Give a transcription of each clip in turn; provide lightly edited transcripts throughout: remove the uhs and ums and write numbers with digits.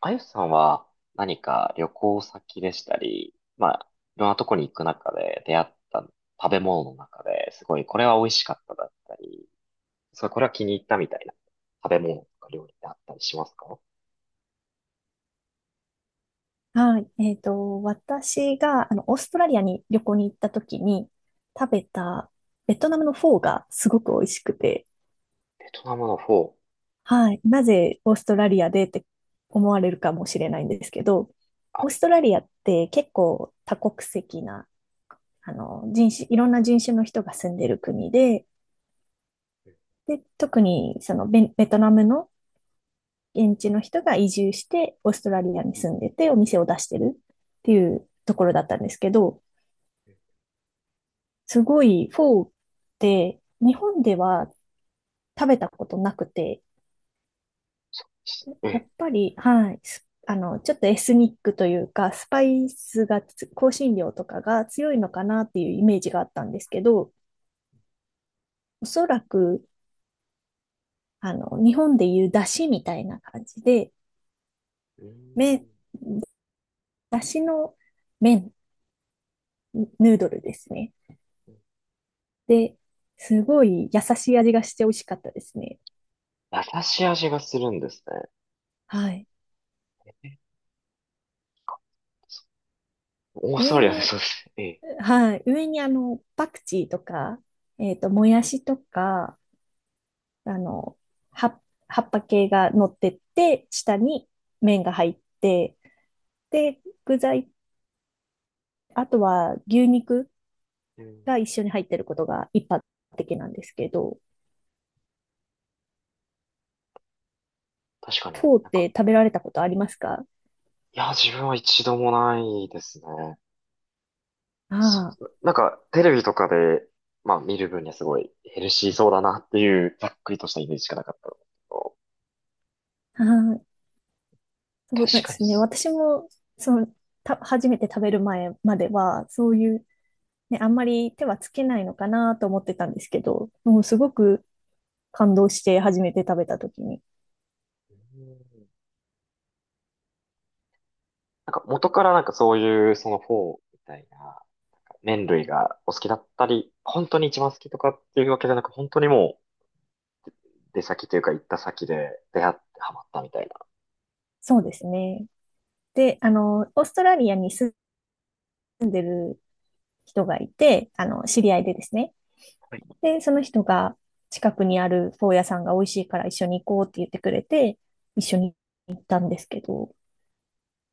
あゆさんは何か旅行先でしたり、まあ、いろんなとこに行く中で出会った食べ物の中ですごいこれは美味しかっただったり、それこれは気に入ったみたいな食べ物とか料理ってあったりしますか？はい。私が、オーストラリアに旅行に行った時に食べたベトナムのフォーがすごく美味しくて、ベトナムのフォー、はい。なぜオーストラリアでって思われるかもしれないんですけど、アオーベン。ストラリアって結構多国籍な、人種、いろんな人種の人が住んでる国で、で、特にそのベトナムの現地の人が移住してオーストラリアに住んでてお店を出してるっていうところだったんですけど、すごいフォーって日本では食べたことなくて、えやえ。っぱり、はい、すあの、ちょっとエスニックというか、スパイスがつ、香辛料とかが強いのかなっていうイメージがあったんですけど、おそらく、日本でいう出汁みたいな感じで、うー麺、ん出汁の麺、ヌードルですね。で、すごい優しい味がして美味しかったですね。優しい味がするんですはい。ね。オーストラ上リアでにそうです。ええ。はい。上にパクチーとか、もやしとか、あの、葉、葉っぱ系が乗ってって、下に麺が入って、で、具材、あとは牛肉うん。が一緒に入ってることが一般的なんですけど、確かにフォーっなんてか、食べられたことあえりいますか？や、自分は一度もないですね。そあう、なんか、テレビとかで、まあ見る分にはすごいヘルシーそうだなっていう、ざっくりとしたイメージしかなかったんですけど、あ、はい。そ確うでかにっすね。す。私も、その、初めて食べる前までは、そういう、ね、あんまり手はつけないのかなと思ってたんですけど、もうすごく感動して初めて食べた時に。うん。なんか元からなんかそういうそのフォーみたいな麺類がお好きだったり、本当に一番好きとかっていうわけじゃなく、本当にもう出先というか行った先で出会ってハマったみたいな。そうですね。で、オーストラリアに住んでる人がいて、知り合いでですね。はい。で、その人が近くにあるフォー屋さんが美味しいから一緒に行こうって言ってくれて、一緒に行ったんですけど、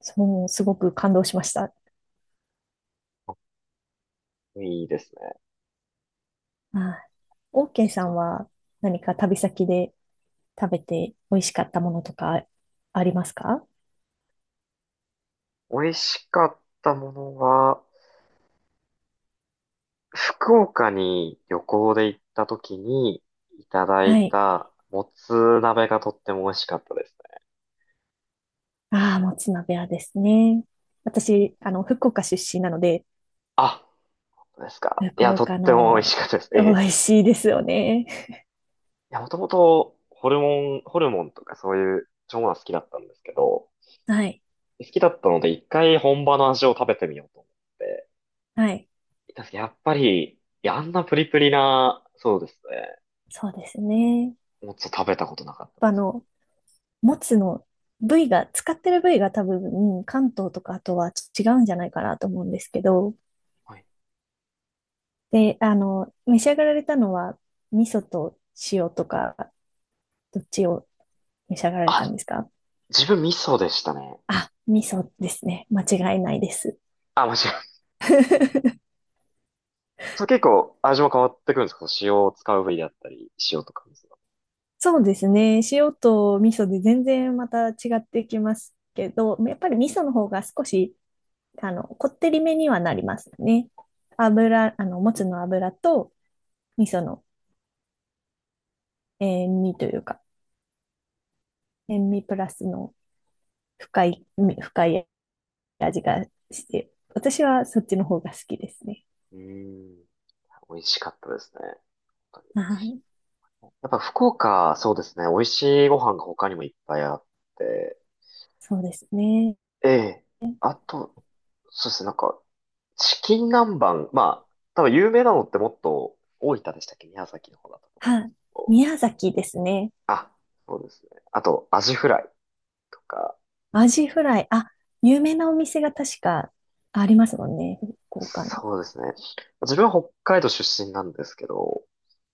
そのすごく感動しました。いいですね。はい。オーケーちさょんっは何か旅先で食べて美味しかったものとかありますか？と美味しかったものは、福岡に旅行で行った時にいただいはい。たもつ鍋がとっても美味しかったですね。ああ、もつ鍋はですね。私、福岡出身なので、あ、そうですか。い福や、とっ岡ても美味のしかったです。え美え。味しいですよね。いや、もともとホルモンとかそういう腸が好きだったんですけど、はい。好きだったので一回本場の味を食べてみようと思って。はい。いたんですけどやっぱり、いや、あんなプリプリな、そうですね。そうですね。もつを食べたことなかあっの、もつの部位が、使ってる部位が多分、関東とかあとは違うんじゃないかなと思うんですけど、た。はい。で、召し上がられたのは、味噌と塩とか、どっちを召し上がられたんあ、ですか？自分味噌でしたね。あ、味噌ですね。間違いないです。あ、そう、結構味も変わってくるんですか？塩を使う部位だったり、塩とか水が。そうですね。塩と味噌で全然また違ってきますけど、やっぱり味噌の方が少しこってりめにはなりますね。油、もつの油と味噌の塩味というか、塩味プラスの深い、深い味がして、私はそっちの方が好きですね。うーん。美味しかったですね。本当に、はい。やっぱ福岡、そうですね。美味しいご飯が他にもいっぱいあって。そうですね。ええ。あと、そうですね。なんか、チキン南蛮。まあ、多分有名なのってもっと大分でしたっけ？宮崎の方だったとはい。思うんですけ宮ど。崎ですね。あ、そうですね。あと、アジフライとか。アジフライ。あ、有名なお店が確かありますもんね。福岡に。そうですね。自分は北海道出身なんですけど、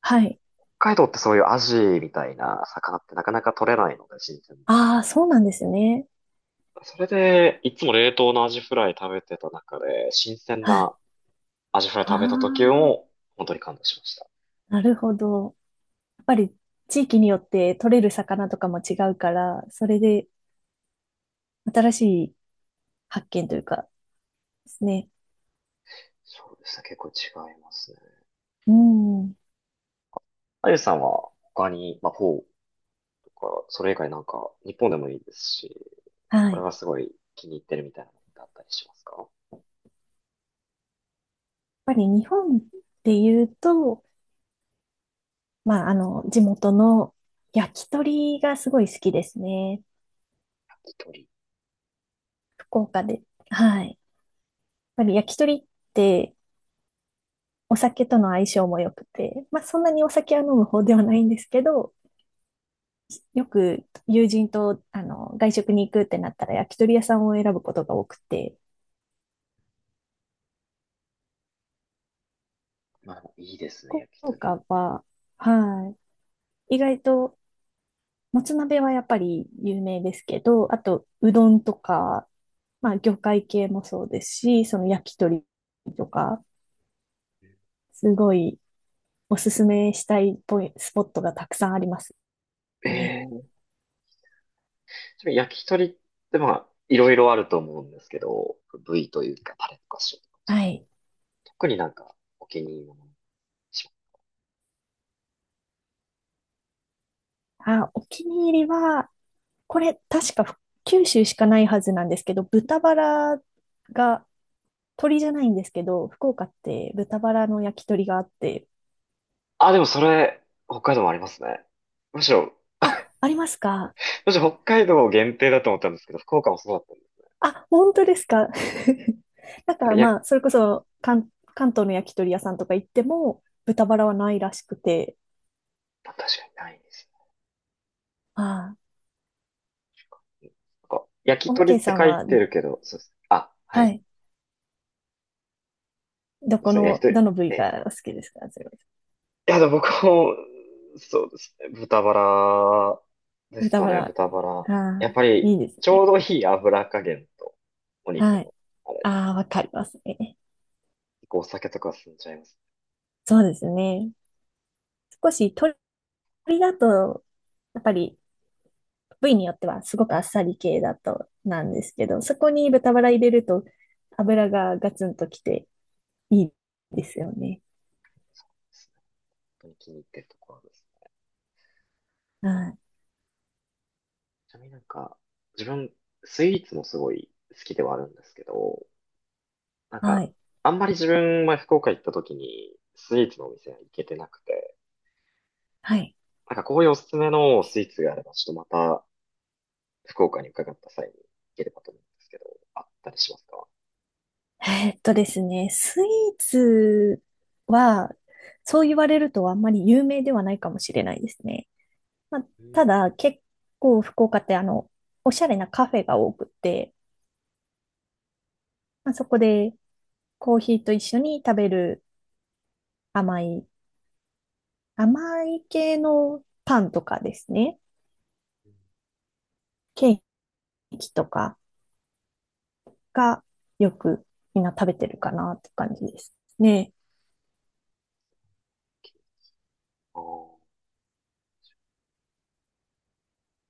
はい。海道ってそういうアジみたいな魚ってなかなか取れないので、新鮮な。ああ、そうなんですね。それで、いつも冷凍のアジフライ食べてた中で、新鮮はい。なアジフライあ食べた時あ、も、本当に感動しました。なるほど。っぱり地域によって取れる魚とかも違うから、それで新しい発見というかですね。そうですね、結構違いますね。うん。あゆさんは他に、まあ、フォーとか、それ以外なんか、日本でもいいですし、はこい。れやはっすごい気に入ってるみたいなのってあったりしますか？ぱり日本でいうと、まあ、地元の焼き鳥がすごい好きですね。焼き鳥。福岡で。はい。やっぱり焼き鳥ってお酒との相性も良くて、まあ、そんなにお酒は飲む方ではないんですけど、よく友人と外食に行くってなったら焼き鳥屋さんを選ぶことが多くて、まあ、いいですね、福焼き鳥。岡は、はい。意外と、もつ鍋はやっぱり有名ですけど、あと、うどんとか、まあ、魚介系もそうですし、その焼き鳥とか、すごいおすすめしたいポイスポットがたくさんありますえね。えー。ちなみに焼き鳥ってまあ、いろいろあると思うんですけど、部位というか、タレとか塩、はい。特になんかお気に入りのものにします？あ、お気に入りは、これ、確か九州しかないはずなんですけど、豚バラが、鳥じゃないんですけど、福岡って豚バラの焼き鳥があって、あ、でもそれ、北海道もありますね。むしろ、あ、ありますか？むしろ北海道限定だと思ったんですけど、福岡もそうだったんで。あ、本当ですか。だかなんからや、まあ、それこそ関東の焼き鳥屋さんとか行っても、豚バラはないらしくて。あ、確かにないですあね。なんか焼あ、きオー鳥っケーてさん書いは、てるけど、そうです。あ、ははい。い。そどうでこすね、焼きの、鳥。どの部位ええ、がお好きですかそれは？いや、でも僕も、そうですね。豚バラです豚かバね、ラ。豚バラ。ああ、やっぱいり、いですちょうね。どいい油加減と、お肉はの、い。あれ、ああ、わかりますね。お酒とか進んじゃいますね。そうですね。少し鶏だと、やっぱり部位によってはすごくあっさり系だとなんですけど、そこに豚バラ入れると油がガツンときていいですよね。本当に気に入ってるところです。はい。ちなみになんか、自分、スイーツもすごい好きではあるんですけど、なんはか、い。あんまり自分、前福岡行った時に、スイーツのお店は行けてなくて、はい。なんかこういうおすすめのスイーツがあれば、ちょっとまた、福岡に伺った際に行ければと思うんですけど、あったりしますか？ですね、スイーツは、そう言われるとあんまり有名ではないかもしれないですね。まあ、うたん。だ、結構福岡っておしゃれなカフェが多くて、まあ、そこでコーヒーと一緒に食べる甘い、甘い系のパンとかですね、ケーキとかがよくみんな食べてるかなって感じですね。ああ、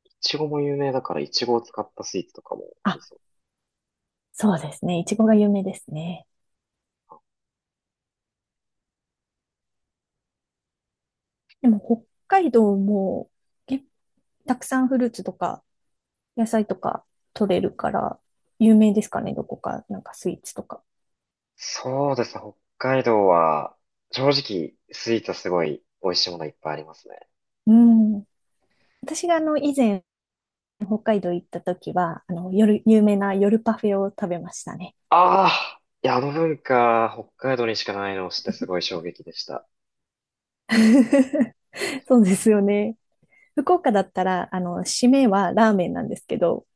いちごも有名だから、いちごを使ったスイーツとかもいいあ、そう。そうですね。いちごが有名ですね。でも北海道もけたくさんフルーツとか野菜とか取れるから有名ですかね、どこか、なんかスイーツとか。そうですね、北海道は、正直、スイーツはすごい美味しいものいっぱいありますね。うん。私が以前北海道行った時は、あの夜、有名な夜パフェを食べましたね。ああ、いや、あの文化、北海道にしかないのを知ってすごい衝撃でした。そうですよね。福岡だったら、締めはラーメンなんですけど、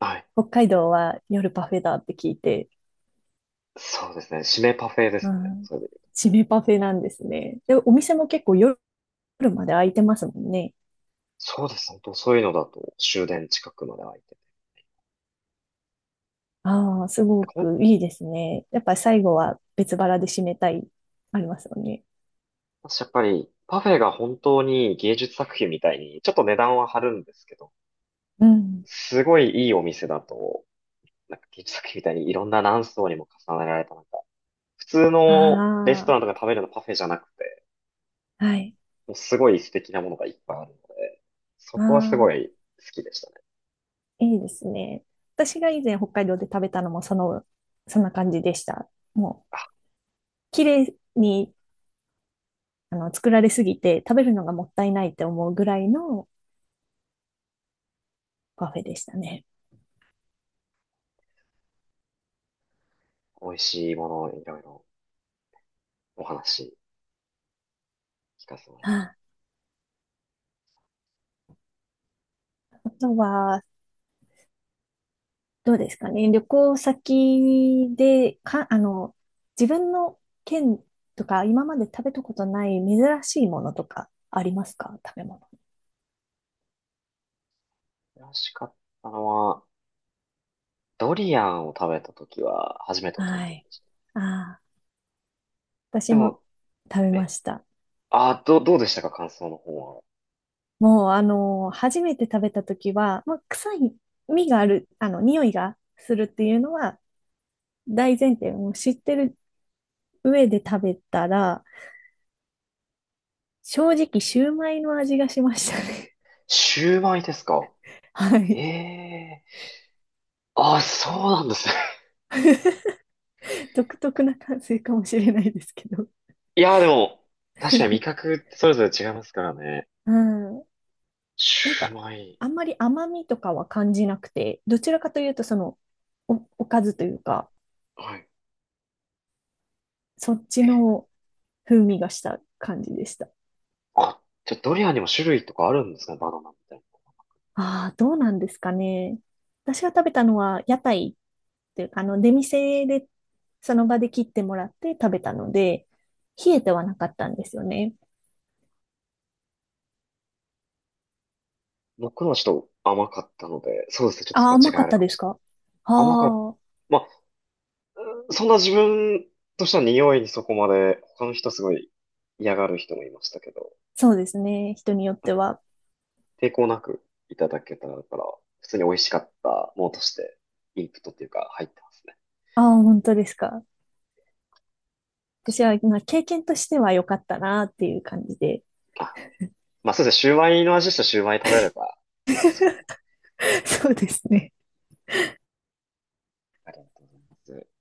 はい。北海道は夜パフェだって聞いて、そうですね。締めパフェでうすね。ん、それで、締めパフェなんですね。で、お店も結構夜まで開いてますもんね。そうです。本当そういうのだと終電近くまで空いてて。ああ、すごほん、くいいですね。やっぱり最後は別腹で締めたい、ありますよね。私やっぱり、パフェが本当に芸術作品みたいに、ちょっと値段は張るんですけど、うん。すごいいいお店だと、なんか芸術作品みたいにいろんな何層にも重ねられた、なんか、普通のレストあランとか食べるのパフェじゃなくて、あ、はい。もうすごい素敵なものがいっぱいあるので、そこはすごあいあ、好きでしたね。いいですね。私が以前北海道で食べたのもその、そんな感じでした。もう、綺麗に、作られすぎて食べるのがもったいないって思うぐらいのパフェでしたね。美味しいものをいろいろお話聞かせてもらいます。ああ、あとは、どうですかね。旅行先で、か、自分の県とか、今まで食べたことない珍しいものとかありますか食べ物？美味しかったのは、ドリアンを食べた時は初めての体は験い。でした。ああ、私でもも、食べまえ、した。あ、どうでしたか？感想の方は。もう、初めて食べた時は、まあ、臭い、味がある、匂いがするっていうのは大前提、もう知ってる上で食べたら、正直、シューマイの味がしましたね。シューマイですか？ はえい。えー。あ、そうなんですね。独特な感性かもしれないですけど。いや、でも、確かに味 覚ってそれぞれ違いますからね。うん。なんシューか、マイ。あんまり甘みとかは感じなくて、どちらかというと、その、おかずというか、はい。そっちの風味がした感じでした。あ、じゃあドリアンにも種類とかあるんですかね？バナナみたいな。ああ、どうなんですかね。私が食べたのは屋台っていうか、出店で、その場で切ってもらって食べたので、冷えてはなかったんですよね。僕のはちょっと甘かったので、そうですね。ちょっとそああ、こは違甘いかあっるたかもですしれか？あない。甘かった。あ、まあ、そんな自分としては匂いにそこまで、他の人すごい嫌がる人もいましたけど、そうですね。人によっては。抵抗なくいただけたから、普通に美味しかったものとして、インプットっていうか入ってますね。ああ、本当ですか。私は、まあ、経験としては良かったなっていう感じで。あ、まあそうですね、シューマイの味したシューマイ食べればいいですもんね。 そうですね。ありがとうございます。